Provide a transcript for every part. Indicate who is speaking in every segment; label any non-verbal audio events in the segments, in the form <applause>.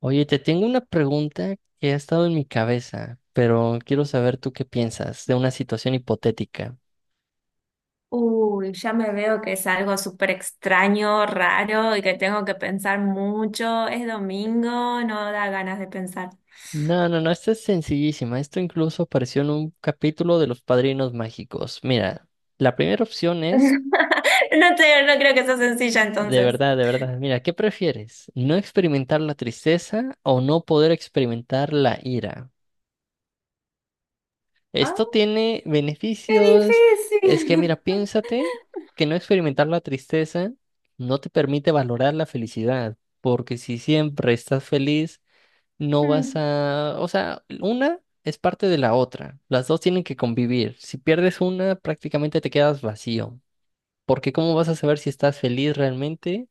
Speaker 1: Oye, te tengo una pregunta que ha estado en mi cabeza, pero quiero saber tú qué piensas de una situación hipotética.
Speaker 2: Uy, ya me veo que es algo súper extraño, raro y que tengo que pensar mucho. Es domingo, no da ganas de pensar.
Speaker 1: No, no, no, esta es sencillísima. Esto incluso apareció en un capítulo de Los Padrinos Mágicos. Mira, la primera opción es,
Speaker 2: <laughs> No creo que sea sencilla entonces.
Speaker 1: de verdad, mira, ¿qué prefieres? ¿No experimentar la tristeza o no poder experimentar la ira?
Speaker 2: ¡Ah,
Speaker 1: Esto tiene
Speaker 2: qué
Speaker 1: beneficios. Es que, mira,
Speaker 2: difícil! <laughs>
Speaker 1: piénsate que no experimentar la tristeza no te permite valorar la felicidad, porque si siempre estás feliz, no vas
Speaker 2: Mm,
Speaker 1: a... o sea, una es parte de la otra. Las dos tienen que convivir. Si pierdes una, prácticamente te quedas vacío. Porque ¿cómo vas a saber si estás feliz realmente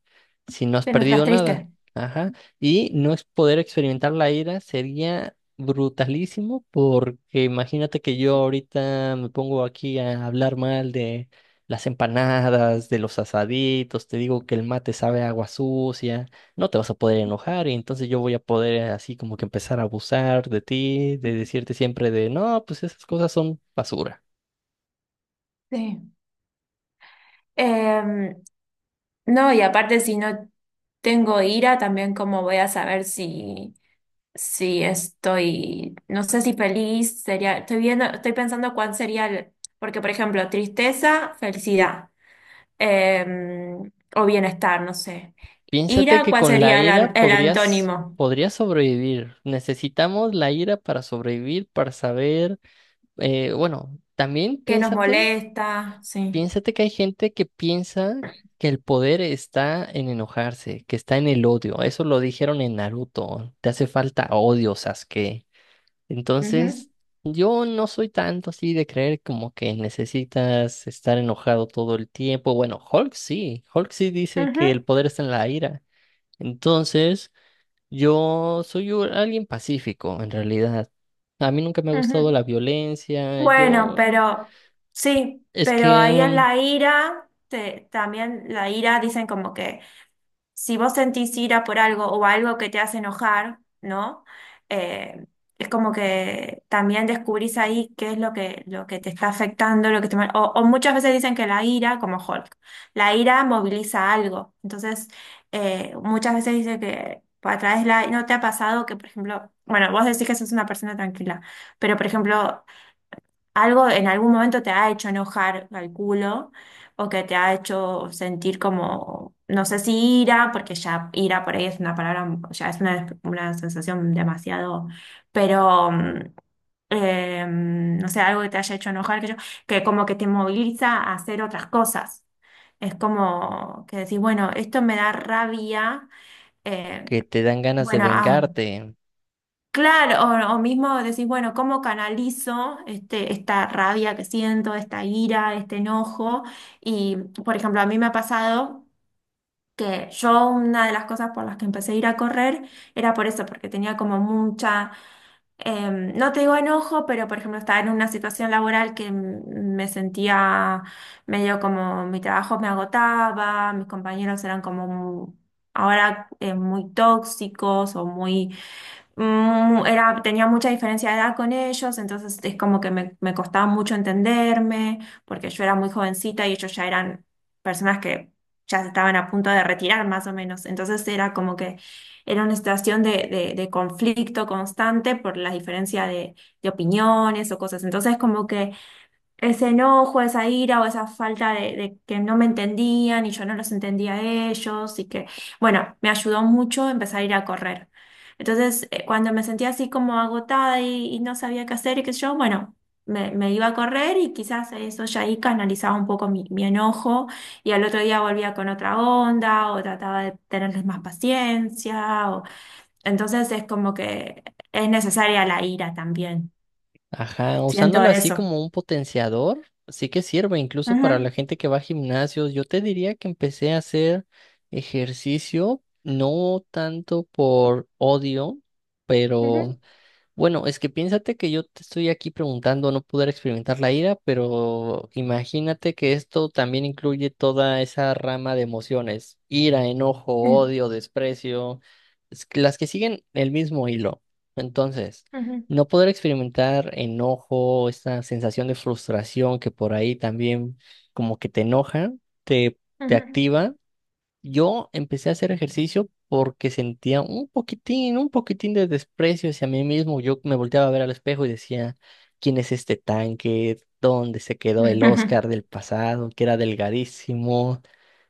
Speaker 1: si no has
Speaker 2: Pero no estás
Speaker 1: perdido
Speaker 2: triste.
Speaker 1: nada? Ajá. Y no es poder experimentar la ira sería brutalísimo porque imagínate que yo ahorita me pongo aquí a hablar mal de las empanadas, de los asaditos, te digo que el mate sabe a agua sucia, no te vas a poder enojar y entonces yo voy a poder así como que empezar a abusar de ti, de decirte siempre de, no, pues esas cosas son basura.
Speaker 2: Sí. Em, no, y aparte si no tengo ira, también cómo voy a saber si... Sí, estoy, no sé si feliz sería, estoy viendo, estoy pensando cuál sería el, porque por ejemplo, tristeza, felicidad, eh, o bienestar, no sé.
Speaker 1: Piénsate
Speaker 2: Ira,
Speaker 1: que
Speaker 2: ¿cuál
Speaker 1: con la
Speaker 2: sería el,
Speaker 1: ira
Speaker 2: el
Speaker 1: podrías,
Speaker 2: antónimo?
Speaker 1: podrías sobrevivir. Necesitamos la ira para sobrevivir, para saber. Bueno, también
Speaker 2: ¿Qué nos
Speaker 1: piénsate,
Speaker 2: molesta? Sí.
Speaker 1: piénsate que hay gente que piensa que el poder está en enojarse, que está en el odio. Eso lo dijeron en Naruto. Te hace falta odio, Sasuke.
Speaker 2: Ujú,
Speaker 1: Entonces, yo no soy tanto así de creer como que necesitas estar enojado todo el tiempo. Bueno, Hulk sí. Hulk sí dice que
Speaker 2: ujú,
Speaker 1: el poder está en la ira. Entonces, yo soy alguien pacífico, en realidad. A mí nunca me ha gustado
Speaker 2: ujú.
Speaker 1: la violencia.
Speaker 2: Bueno,
Speaker 1: Yo,
Speaker 2: pero sí,
Speaker 1: es
Speaker 2: pero ahí en
Speaker 1: que
Speaker 2: la ira, también la ira dicen como que si vos sentís ira por algo o algo que te hace enojar, ¿no? Eh, es como que también descubrís ahí qué es lo que te está afectando, lo que te o muchas veces dicen que la ira, como Hulk, la ira moviliza algo. Entonces, muchas veces dice que a través de la... ¿No te ha pasado que, por ejemplo, bueno, vos decís que sos una persona tranquila, pero, por ejemplo, algo en algún momento te ha hecho enojar, calculo, o que te ha hecho sentir como, no sé si ira, porque ya ira por ahí es una palabra, ya es una sensación demasiado, pero no sé, algo que te haya hecho enojar, que, yo, que como que te moviliza a hacer otras cosas. Es como que decís, bueno, esto me da rabia, eh,
Speaker 1: te dan ganas de
Speaker 2: bueno, ah.
Speaker 1: vengarte.
Speaker 2: Claro, o mismo decís, bueno, ¿cómo canalizo este, esta rabia que siento, esta ira, este enojo? Y, por ejemplo, a mí me ha pasado que yo una de las cosas por las que empecé a ir a correr era por eso, porque tenía como mucha, no te digo enojo, pero, por ejemplo, estaba en una situación laboral que me sentía medio como mi trabajo me agotaba, mis compañeros eran como... Ahora muy tóxicos o muy era, tenía mucha diferencia de edad con ellos, entonces es como que me costaba mucho entenderme, porque yo era muy jovencita y ellos ya eran personas que ya se estaban a punto de retirar más o menos. Entonces era como que era una situación de, de conflicto constante por la diferencia de opiniones o cosas. Entonces como que ese enojo, esa ira o esa falta de que no me entendían y yo no los entendía a ellos y que, bueno, me ayudó mucho empezar a ir a correr. Entonces, cuando me sentía así como agotada y no sabía qué hacer y qué sé yo, bueno, me iba a correr y quizás eso ya ahí canalizaba un poco mi, mi enojo y al otro día volvía con otra onda o trataba de tenerles más paciencia. O... Entonces es como que es necesaria la ira también.
Speaker 1: Ajá,
Speaker 2: Siento
Speaker 1: usándola así
Speaker 2: eso.
Speaker 1: como un potenciador, sí que sirve incluso para
Speaker 2: Ujú,
Speaker 1: la gente que va a gimnasios. Yo te diría que empecé a hacer ejercicio no tanto por odio,
Speaker 2: ujú.
Speaker 1: pero bueno, es que piénsate que yo te estoy aquí preguntando no poder experimentar la ira, pero imagínate que esto también incluye toda esa rama de emociones, ira, enojo,
Speaker 2: Sí.
Speaker 1: odio, desprecio, es que las que siguen el mismo hilo. Entonces,
Speaker 2: Ujú,
Speaker 1: no poder experimentar enojo, esta sensación de frustración que por ahí también como que te enoja, te, te
Speaker 2: ujú,
Speaker 1: activa. Yo empecé a hacer ejercicio porque sentía un poquitín de desprecio hacia mí mismo. Yo me volteaba a ver al espejo y decía, ¿quién es este tanque? ¿Dónde se quedó el
Speaker 2: ujú,
Speaker 1: Oscar del pasado, que era delgadísimo?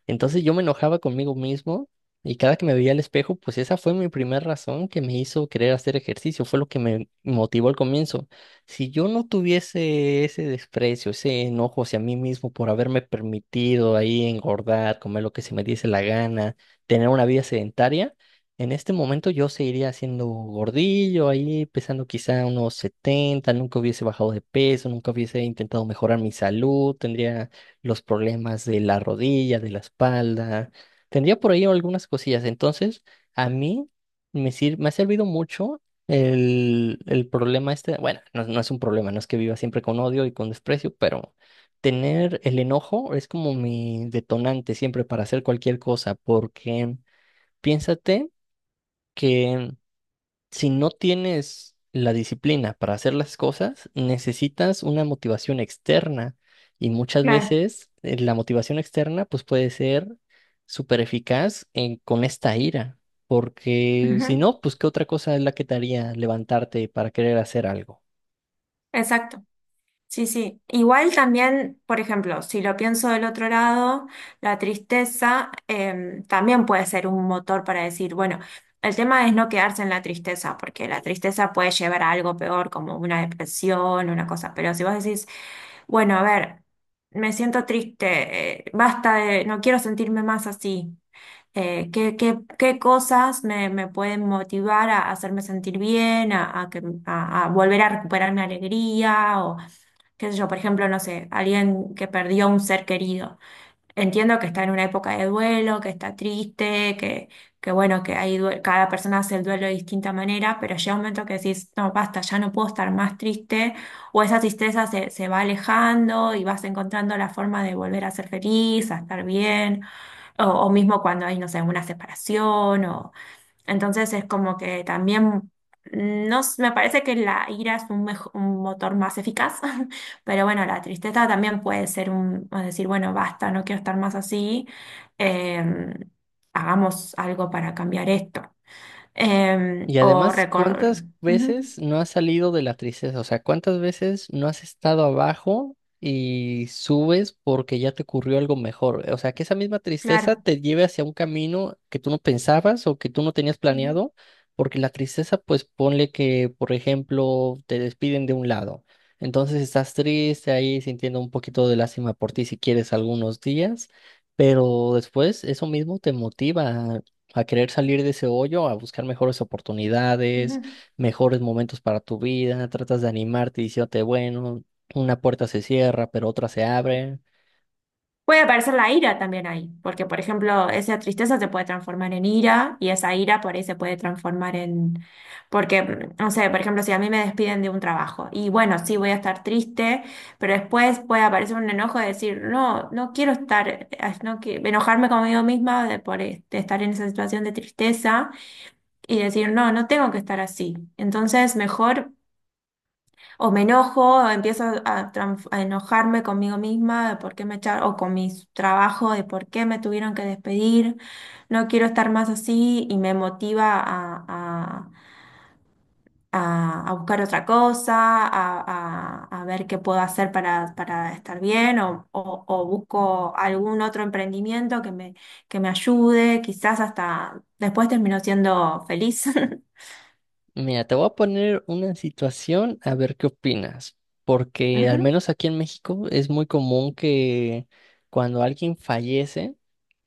Speaker 1: Entonces yo me enojaba conmigo mismo y cada que me veía al espejo, pues esa fue mi primera razón que me hizo querer hacer ejercicio, fue lo que me motivó al comienzo. Si yo no tuviese ese desprecio, ese enojo hacia mí mismo por haberme permitido ahí engordar, comer lo que se me diese la gana, tener una vida sedentaria, en este momento yo seguiría siendo gordillo ahí, pesando quizá unos 70, nunca hubiese bajado de peso, nunca hubiese intentado mejorar mi salud, tendría los problemas de la rodilla, de la espalda. Tendría por ahí algunas cosillas. Entonces, a mí me ha servido mucho el problema este. Bueno, no, no es un problema, no es que viva siempre con odio y con desprecio, pero tener el enojo es como mi detonante siempre para hacer cualquier cosa, porque piénsate que si no tienes la disciplina para hacer las cosas, necesitas una motivación externa y muchas
Speaker 2: claro,
Speaker 1: veces la motivación externa pues puede ser súper eficaz con esta ira, porque si
Speaker 2: ujú,
Speaker 1: no, pues ¿qué otra cosa es la que te haría levantarte para querer hacer algo?
Speaker 2: exacto. Sí, sí. Igual también, por ejemplo, si lo pienso del otro lado, la tristeza también puede ser un motor para decir, bueno, el tema es no quedarse en la tristeza, porque la tristeza puede llevar a algo peor, como una depresión, una cosa. Pero si vos decís, bueno, a ver, me siento triste, basta de, no quiero sentirme más así. Qué qué cosas me, me pueden motivar a hacerme sentir bien, a que, a volver a recuperar mi alegría, o qué sé yo, por ejemplo, no sé, alguien que perdió un ser querido. Entiendo que está en una época de duelo, que está triste, que bueno, que hay cada persona hace el duelo de distinta manera, pero llega un momento que decís, no, basta, ya no puedo estar más triste, o esa tristeza se, se va alejando y vas encontrando la forma de volver a ser feliz, a estar bien. O mismo cuando hay, no sé, una separación, o entonces es como que también no s- me parece que la ira es un, un motor más eficaz, <laughs> pero bueno, la tristeza también puede ser un o decir, bueno, basta, no quiero estar más así, em, hagamos algo para cambiar esto.
Speaker 1: Y
Speaker 2: O
Speaker 1: además,
Speaker 2: recordar.
Speaker 1: ¿cuántas veces no has salido de la tristeza? O sea, ¿cuántas veces no has estado abajo y subes porque ya te ocurrió algo mejor? O sea, que esa misma tristeza
Speaker 2: Claro.
Speaker 1: te lleve hacia un camino que tú no pensabas o que tú no tenías
Speaker 2: Ujú,
Speaker 1: planeado, porque la tristeza, pues ponle que, por ejemplo, te despiden de un lado. Entonces estás triste ahí sintiendo un poquito de lástima por ti si quieres algunos días, pero después eso mismo te motiva a querer salir de ese hoyo, a buscar mejores oportunidades,
Speaker 2: ujú.
Speaker 1: mejores momentos para tu vida, tratas de animarte diciéndote, bueno, una puerta se cierra, pero otra se abre.
Speaker 2: Puede aparecer la ira también ahí, porque por ejemplo, esa tristeza se puede transformar en ira y esa ira por ahí se puede transformar en... Porque, no sé, por ejemplo, si a mí me despiden de un trabajo y bueno, sí voy a estar triste, pero después puede aparecer un enojo de decir, no, no quiero estar, no qui- enojarme conmigo misma de por este, estar en esa situación de tristeza y decir, no, no tengo que estar así. Entonces, mejor o me enojo, o empiezo a enojarme conmigo misma de por qué me echaron, o con mi trabajo de por qué me tuvieron que despedir. No quiero estar más así y me motiva a, a buscar otra cosa, a, a ver qué puedo hacer para estar bien, o, o busco algún otro emprendimiento que me ayude. Quizás hasta después termino siendo feliz. <laughs>
Speaker 1: Mira, te voy a poner una situación a ver qué opinas, porque al
Speaker 2: Ujú,
Speaker 1: menos aquí en México es muy común que cuando alguien fallece,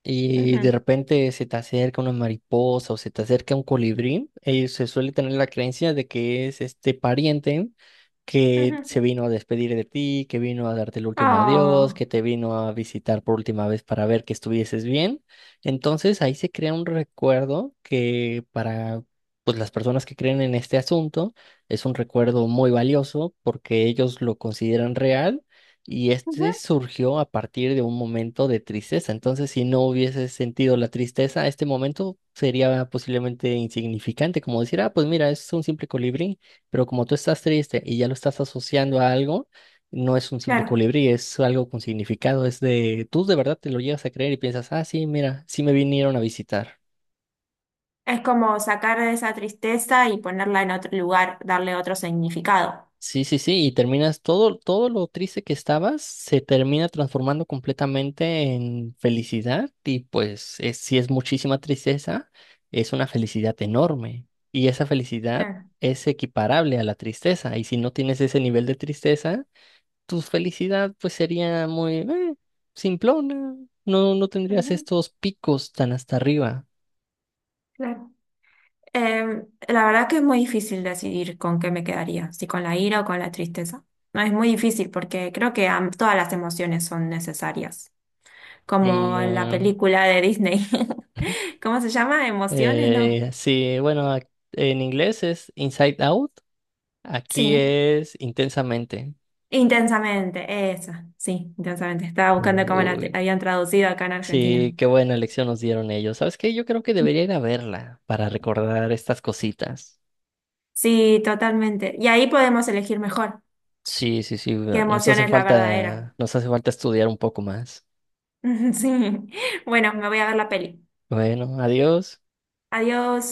Speaker 1: y de
Speaker 2: ujú,
Speaker 1: repente se te acerca una mariposa o se te acerca un colibrí, se suele tener la creencia de que es este pariente que
Speaker 2: ujú.
Speaker 1: se vino a despedir de ti, que vino a darte el último adiós,
Speaker 2: Ah,
Speaker 1: que te vino a visitar por última vez para ver que estuvieses bien. Entonces ahí se crea un recuerdo que para pues las personas que creen en este asunto es un recuerdo muy valioso porque ellos lo consideran real y este
Speaker 2: ujú,
Speaker 1: surgió a partir de un momento de tristeza. Entonces, si no hubiese sentido la tristeza, este momento sería posiblemente insignificante, como decir, ah, pues mira, es un simple colibrí, pero como tú estás triste y ya lo estás asociando a algo, no es un simple
Speaker 2: claro.
Speaker 1: colibrí, es algo con significado, es de, tú de verdad te lo llegas a creer y piensas, ah, sí, mira, sí me vinieron a visitar.
Speaker 2: Es como sacar de esa tristeza y ponerla en otro lugar, darle otro significado.
Speaker 1: Sí, sí, sí, y terminas todo, todo lo triste que estabas se termina transformando completamente en felicidad y pues es, si es muchísima tristeza, es una felicidad enorme y esa felicidad
Speaker 2: Claro,
Speaker 1: es equiparable a la tristeza y si no tienes ese nivel de tristeza, tu felicidad pues sería muy simplona, no, no tendrías
Speaker 2: ujú.
Speaker 1: estos picos tan hasta arriba
Speaker 2: Claro. La verdad que es muy difícil decidir con qué me quedaría, si con la ira o con la tristeza. No, es muy difícil porque creo que todas las emociones son necesarias,
Speaker 1: y
Speaker 2: como la película de Disney.
Speaker 1: <laughs>
Speaker 2: <laughs> ¿Cómo se llama? ¿Emociones? No.
Speaker 1: sí, bueno, en inglés es Inside Out. Aquí
Speaker 2: Sí,
Speaker 1: es Intensamente.
Speaker 2: intensamente, esa, sí, intensamente. Estaba buscando cómo la
Speaker 1: Uy,
Speaker 2: habían traducido acá en Argentina.
Speaker 1: sí, qué buena lección nos dieron ellos. ¿Sabes qué? Yo creo que debería ir a verla para recordar estas cositas.
Speaker 2: Sí, totalmente. Y ahí podemos elegir mejor.
Speaker 1: Sí, sí, sí,
Speaker 2: Qué emoción es la verdadera.
Speaker 1: nos hace falta estudiar un poco más.
Speaker 2: <laughs> Sí. Bueno, me voy a ver la peli.
Speaker 1: Bueno, adiós.
Speaker 2: Adiós.